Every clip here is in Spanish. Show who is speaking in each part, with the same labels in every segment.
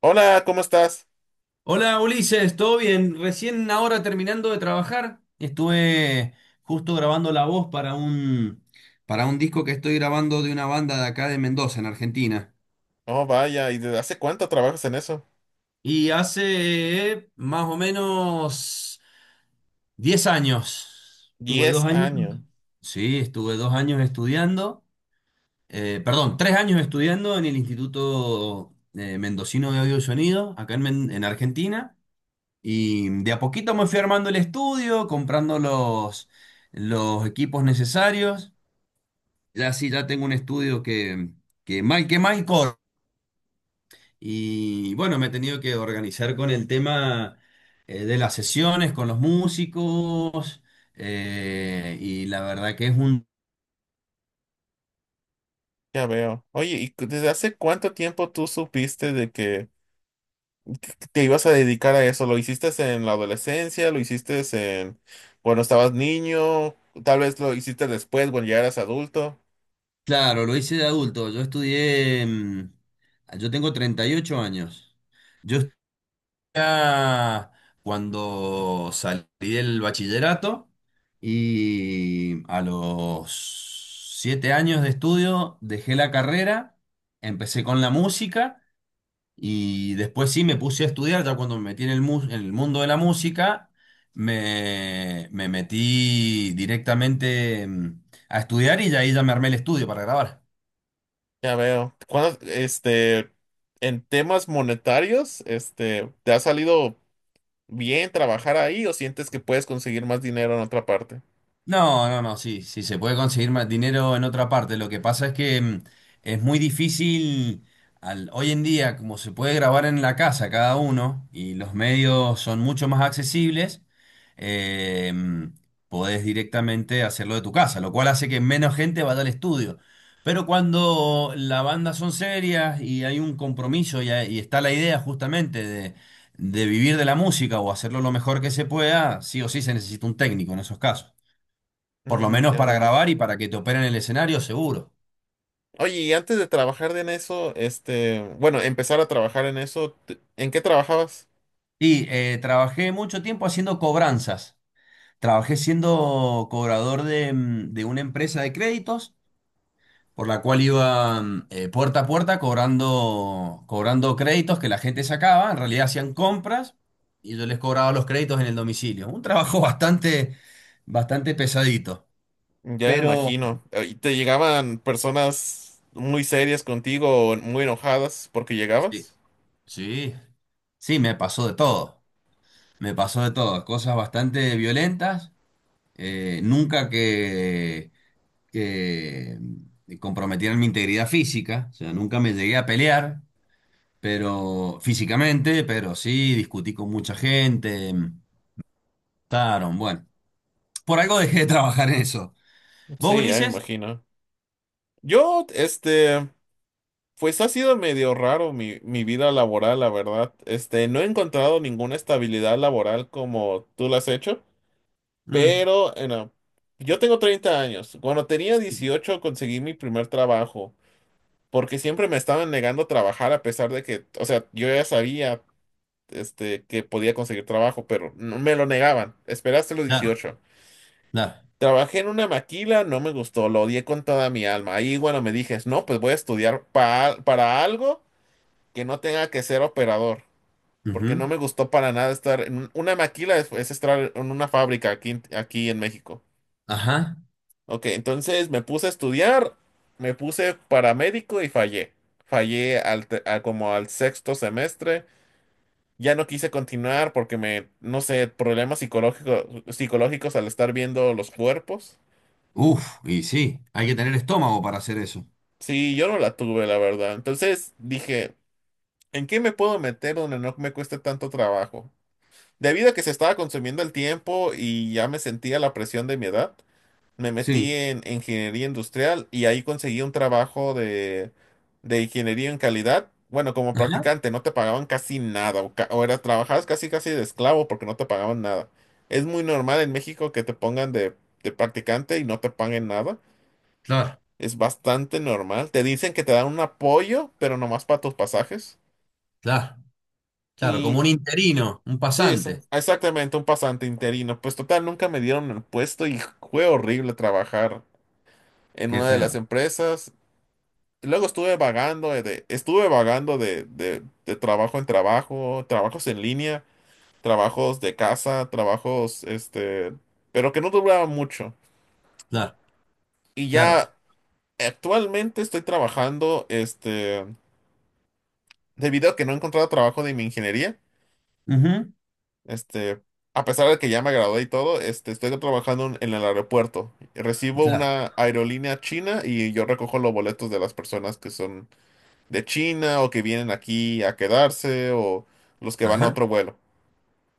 Speaker 1: Hola, ¿cómo estás?
Speaker 2: Hola Ulises, ¿todo bien? Recién ahora terminando de trabajar, estuve justo grabando la voz para un disco que estoy grabando de una banda de acá de Mendoza, en Argentina.
Speaker 1: Oh, vaya, ¿y desde hace cuánto trabajas en eso?
Speaker 2: Y hace más o menos 10 años, tuve dos
Speaker 1: Diez
Speaker 2: años,
Speaker 1: años,
Speaker 2: sí, estuve 2 años estudiando, perdón, 3 años estudiando en el Instituto Mendocino de Audio y Sonido, acá en en Argentina. Y de a poquito me fui armando el estudio, comprando los equipos necesarios. Ya sí, ya tengo un estudio que mal que mal corre. Y bueno, me he tenido que organizar con el tema, de las sesiones, con los músicos. Y la verdad que es un.
Speaker 1: ya veo. Oye, ¿ desde hace cuánto tiempo tú supiste de que te ibas a dedicar a eso? ¿Lo hiciste en la adolescencia? ¿Lo hiciste en cuando estabas niño? Tal vez lo hiciste después, cuando ya eras adulto.
Speaker 2: Claro, lo hice de adulto. Yo estudié. Yo tengo 38 años. Yo ya cuando salí del bachillerato y a los 7 años de estudio dejé la carrera, empecé con la música y después sí me puse a estudiar, ya cuando me metí en el mundo de la música, me metí directamente, a estudiar y ya ahí ya me armé el estudio para grabar.
Speaker 1: Ya veo. ¿ en temas monetarios, te ha salido bien trabajar ahí o sientes que puedes conseguir más dinero en otra parte?
Speaker 2: No, no, no, sí, sí, se puede conseguir más dinero en otra parte. Lo que pasa es que, es muy difícil, hoy en día, como se puede grabar en la casa cada uno y los medios son mucho más accesibles. eh, mm, Podés directamente hacerlo de tu casa, lo cual hace que menos gente vaya al estudio. Pero cuando la banda son serias y hay un compromiso y está la idea justamente de vivir de la música o hacerlo lo mejor que se pueda, sí o sí se necesita un técnico en esos casos. Por lo menos
Speaker 1: Ya
Speaker 2: para
Speaker 1: veo.
Speaker 2: grabar y para que te operen el escenario, seguro.
Speaker 1: Oye, y antes de trabajar en eso, bueno, empezar a trabajar en eso, ¿en qué trabajabas?
Speaker 2: Y trabajé mucho tiempo haciendo cobranzas. Trabajé siendo cobrador de una empresa de créditos, por la cual iba, puerta a puerta cobrando créditos que la gente sacaba. En realidad hacían compras y yo les cobraba los créditos en el domicilio. Un trabajo bastante, bastante pesadito.
Speaker 1: Ya me
Speaker 2: Pero
Speaker 1: imagino. ¿Y te llegaban personas muy serias contigo, o muy enojadas porque
Speaker 2: sí,
Speaker 1: llegabas?
Speaker 2: sí, sí, me pasó de todo. Me pasó de todo. Cosas bastante violentas, nunca que comprometieran mi integridad física, o sea, nunca me llegué a pelear, pero físicamente, pero sí, discutí con mucha gente, taron, bueno, por algo dejé de trabajar en eso. ¿Vos,
Speaker 1: Sí, ya me
Speaker 2: Ulises?
Speaker 1: imagino. Yo pues ha sido medio raro mi vida laboral, la verdad. No he encontrado ninguna estabilidad laboral como tú la has hecho,
Speaker 2: Mm,
Speaker 1: pero, no. Yo tengo 30 años. Cuando tenía
Speaker 2: sí,
Speaker 1: 18 conseguí mi primer trabajo, porque siempre me estaban negando trabajar a pesar de que, o sea, yo ya sabía que podía conseguir trabajo, pero me lo negaban. Esperaste los
Speaker 2: claro,
Speaker 1: 18.
Speaker 2: claro.
Speaker 1: Trabajé en una maquila, no me gustó, lo odié con toda mi alma. Ahí, bueno, me dije, no, pues voy a estudiar para algo que no tenga que ser operador, porque
Speaker 2: Ujú,
Speaker 1: no me gustó para nada estar en una maquila, es estar en una fábrica aquí, aquí en México.
Speaker 2: ajá.
Speaker 1: Ok, entonces me puse a estudiar, me puse paramédico y fallé. Fallé al como al sexto semestre. Ya no quise continuar porque me, no sé, problemas psicológicos, psicológicos al estar viendo los cuerpos.
Speaker 2: Uf, y sí, hay que tener estómago para hacer eso.
Speaker 1: Sí, yo no la tuve, la verdad. Entonces dije, ¿en qué me puedo meter donde no me cueste tanto trabajo? Debido a que se estaba consumiendo el tiempo y ya me sentía la presión de mi edad, me
Speaker 2: Sí.
Speaker 1: metí en ingeniería industrial y ahí conseguí un trabajo de ingeniería en calidad. Bueno, como
Speaker 2: Ajá.
Speaker 1: practicante no te pagaban casi nada o, o era trabajabas casi casi de esclavo porque no te pagaban nada. Es muy normal en México que te pongan de practicante y no te paguen nada.
Speaker 2: Claro,
Speaker 1: Es bastante normal. Te dicen que te dan un apoyo, pero nomás para tus pasajes.
Speaker 2: claro, claro,
Speaker 1: Y
Speaker 2: como un interino, un
Speaker 1: sí,
Speaker 2: pasante.
Speaker 1: exactamente, un pasante interino. Pues total, nunca me dieron el puesto y fue horrible trabajar en
Speaker 2: Qué
Speaker 1: una de las
Speaker 2: feo.
Speaker 1: empresas. Luego estuve vagando, estuve vagando de trabajo en trabajo, trabajos en línea, trabajos de casa, trabajos, pero que no duraban mucho.
Speaker 2: Claro,
Speaker 1: Y
Speaker 2: claro.
Speaker 1: ya actualmente estoy trabajando, debido a que no he encontrado trabajo de mi ingeniería,
Speaker 2: Ujú,
Speaker 1: este, a pesar de que ya me gradué y todo, estoy trabajando en el aeropuerto. Recibo
Speaker 2: Claro.
Speaker 1: una aerolínea china y yo recojo los boletos de las personas que son de China o que vienen aquí a quedarse o los que van a
Speaker 2: Ajá,
Speaker 1: otro vuelo.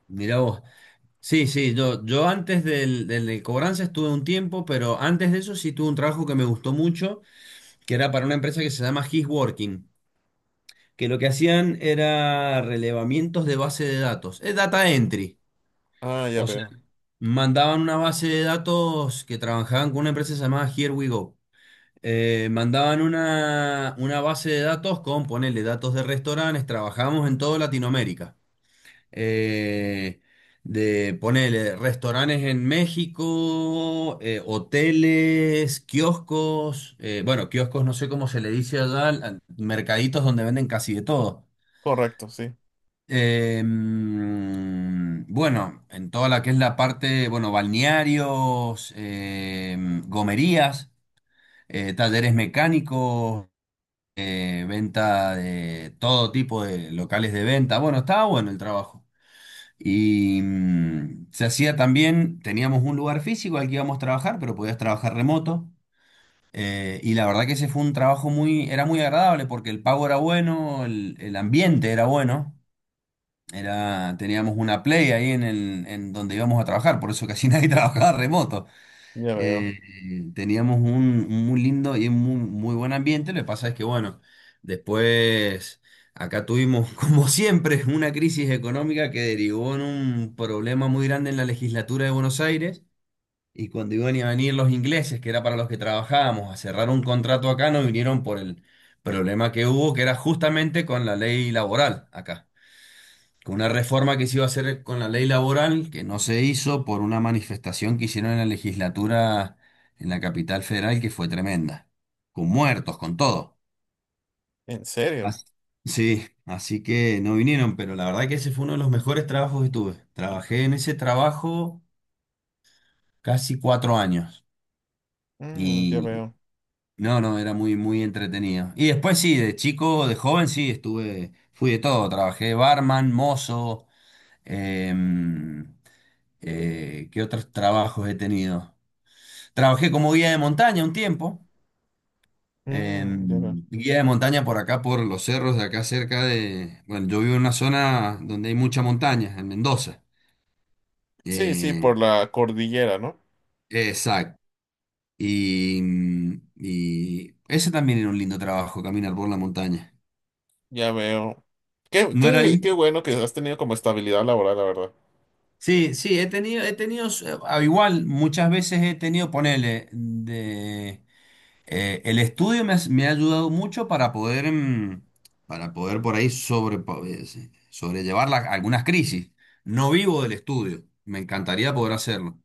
Speaker 2: mira vos. Sí, sí, yo antes del de cobranza estuve un tiempo, pero antes de eso sí tuve un trabajo que me gustó mucho, que era para una empresa que se llama His Working, que lo que hacían era relevamientos de base de datos, es data entry.
Speaker 1: Ah, ya
Speaker 2: O sea,
Speaker 1: veo.
Speaker 2: mandaban una base de datos que trabajaban con una empresa llamada Here We Go. Mandaban una base de datos con, ponele, datos de restaurantes, trabajamos en toda Latinoamérica. eh, de ponerle restaurantes en México, hoteles, kioscos, bueno, kioscos no sé cómo se le dice allá, mercaditos donde venden casi de todo.
Speaker 1: Correcto, sí,
Speaker 2: Bueno, en toda la que es la parte, bueno, balnearios, gomerías, talleres mecánicos, venta de todo tipo de locales de venta. Bueno, estaba bueno el trabajo. Y, se hacía también, teníamos un lugar físico al que íbamos a trabajar, pero podías trabajar remoto. Y la verdad que ese fue un trabajo era muy agradable porque el pago era bueno, el ambiente era bueno. Teníamos una play ahí en donde íbamos a trabajar, por eso casi nadie trabajaba remoto.
Speaker 1: ya veo.
Speaker 2: Eh, Teníamos un muy lindo y un muy, muy buen ambiente. Lo que pasa es que, bueno, después acá tuvimos, como siempre, una crisis económica que derivó en un problema muy grande en la legislatura de Buenos Aires. Y cuando iban a venir los ingleses, que era para los que trabajábamos, a cerrar un contrato acá, no vinieron por el problema que hubo, que era justamente con la ley laboral acá, con una reforma que se iba a hacer con la ley laboral, que no se hizo por una manifestación que hicieron en la legislatura en la capital federal, que fue tremenda, con muertos, con todo.
Speaker 1: ¿En serio?
Speaker 2: As- sí, así que no vinieron, pero la verdad que ese fue uno de los mejores trabajos que tuve. Trabajé en ese trabajo casi 4 años
Speaker 1: Ya
Speaker 2: y
Speaker 1: veo.
Speaker 2: no, no, era muy, muy entretenido. Y después sí, de chico, de joven sí, estuve, fui de todo, trabajé barman, mozo. em, ¿Qué otros trabajos he tenido? Trabajé como guía de montaña un tiempo. eh,
Speaker 1: Ya veo.
Speaker 2: Guía de montaña por acá, por los cerros de acá cerca de. Bueno, yo vivo en una zona donde hay mucha montaña, en Mendoza.
Speaker 1: Sí, sí,
Speaker 2: Eh,
Speaker 1: por la cordillera, ¿no?
Speaker 2: exacto. Y ese también era un lindo trabajo, caminar por la montaña.
Speaker 1: Ya veo. Qué,
Speaker 2: ¿No era
Speaker 1: qué,
Speaker 2: lindo?
Speaker 1: qué bueno que has tenido como estabilidad laboral, la verdad.
Speaker 2: Sí, sí, he tenido, al igual muchas veces he tenido, ponele, de. El estudio me ha ayudado mucho para poder por ahí sí, sobrellevar algunas crisis. No vivo del estudio, me encantaría poder hacerlo.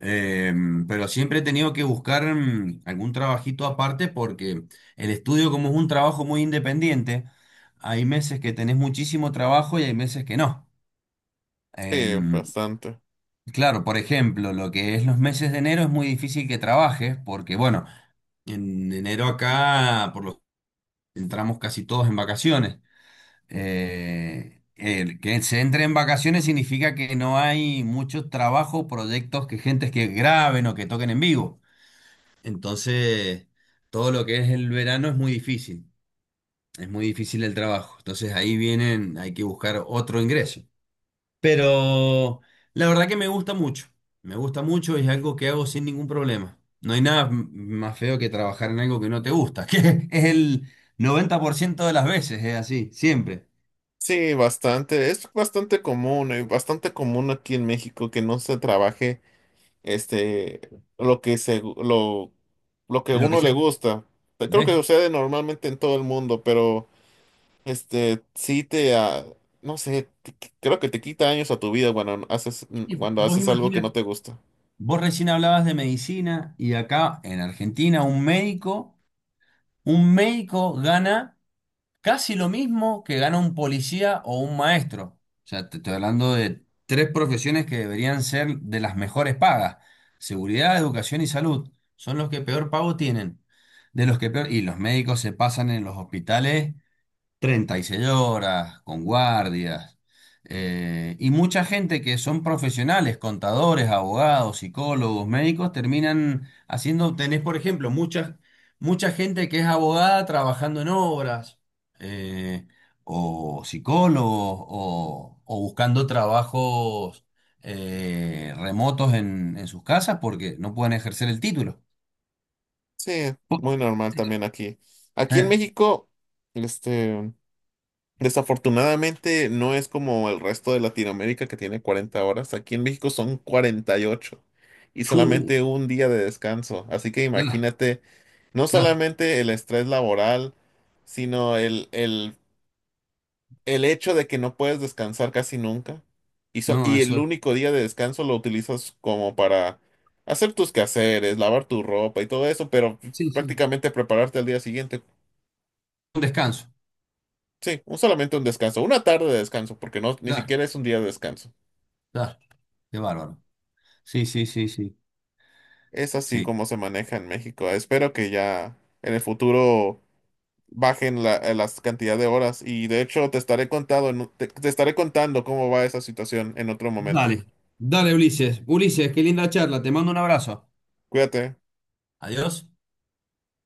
Speaker 2: Eh, pero siempre he tenido que buscar, algún trabajito aparte porque el estudio, como es un trabajo muy independiente, hay meses que tenés muchísimo trabajo y hay meses que no.
Speaker 1: Sí,
Speaker 2: Em,
Speaker 1: bastante.
Speaker 2: claro, por ejemplo, lo que es los meses de enero es muy difícil que trabajes porque, bueno, en enero acá, por lo entramos casi todos en vacaciones. El que se entre en vacaciones significa que no hay mucho trabajo, proyectos que gentes que graben o que toquen en vivo. Entonces, todo lo que es el verano es muy difícil. Es muy difícil el trabajo. Entonces ahí vienen, hay que buscar otro ingreso. Pero la verdad que me gusta mucho. Me gusta mucho y es algo que hago sin ningún problema. No hay nada más feo que trabajar en algo que no te gusta, que es el 90% de las veces, es así, siempre.
Speaker 1: Sí, bastante. Es bastante común aquí en México que no se trabaje este, lo que se, lo, lo que a
Speaker 2: Lo que
Speaker 1: uno le
Speaker 2: sea.
Speaker 1: gusta. Creo que
Speaker 2: ¿Eh?
Speaker 1: sucede normalmente en todo el mundo, pero este, sí te, ah, no sé, te creo que te quita años a tu vida
Speaker 2: Y
Speaker 1: cuando
Speaker 2: vos
Speaker 1: haces algo que no
Speaker 2: imagínate.
Speaker 1: te gusta.
Speaker 2: Vos recién hablabas de medicina y acá en Argentina un médico gana casi lo mismo que gana un policía o un maestro. O sea, te estoy hablando de tres profesiones que deberían ser de las mejores pagas. Seguridad, educación y salud son los que peor pago tienen. De los que peor, y los médicos se pasan en los hospitales 36 horas, con guardias, y mucha gente que son profesionales, contadores, abogados, psicólogos, médicos, terminan haciendo, tenés por ejemplo, mucha gente que es abogada trabajando en obras, eh, o psicólogos, o buscando trabajos remotos en sus casas porque no pueden ejercer el título.
Speaker 1: Sí, muy normal también aquí. Aquí en
Speaker 2: Eh,
Speaker 1: México, este, desafortunadamente no es como el resto de Latinoamérica que tiene 40 horas. Aquí en México son 48 y
Speaker 2: Chu,
Speaker 1: solamente un día de descanso. Así que
Speaker 2: claro,
Speaker 1: imagínate. No
Speaker 2: claro,
Speaker 1: solamente el estrés laboral, sino el hecho de que no puedes descansar casi nunca. Y,
Speaker 2: no,
Speaker 1: y el
Speaker 2: eso,
Speaker 1: único día de descanso lo utilizas como para hacer tus quehaceres, lavar tu ropa y todo eso, pero
Speaker 2: sí, sí,
Speaker 1: prácticamente prepararte al día siguiente.
Speaker 2: un descanso.
Speaker 1: Sí, solamente un descanso, una tarde de descanso, porque no, ni
Speaker 2: Claro.
Speaker 1: siquiera es un día de descanso.
Speaker 2: Claro, qué bárbaro. Sí, sí, sí, sí.
Speaker 1: Es así
Speaker 2: Sí.
Speaker 1: como se maneja en México. Espero que ya en el futuro bajen la, las cantidad de horas. Y de hecho, te estaré contado, en te estaré contando cómo va esa situación en otro momento.
Speaker 2: Dale, dale Ulises. Ulises, qué linda charla, te mando un abrazo.
Speaker 1: Cuídate.
Speaker 2: Adiós.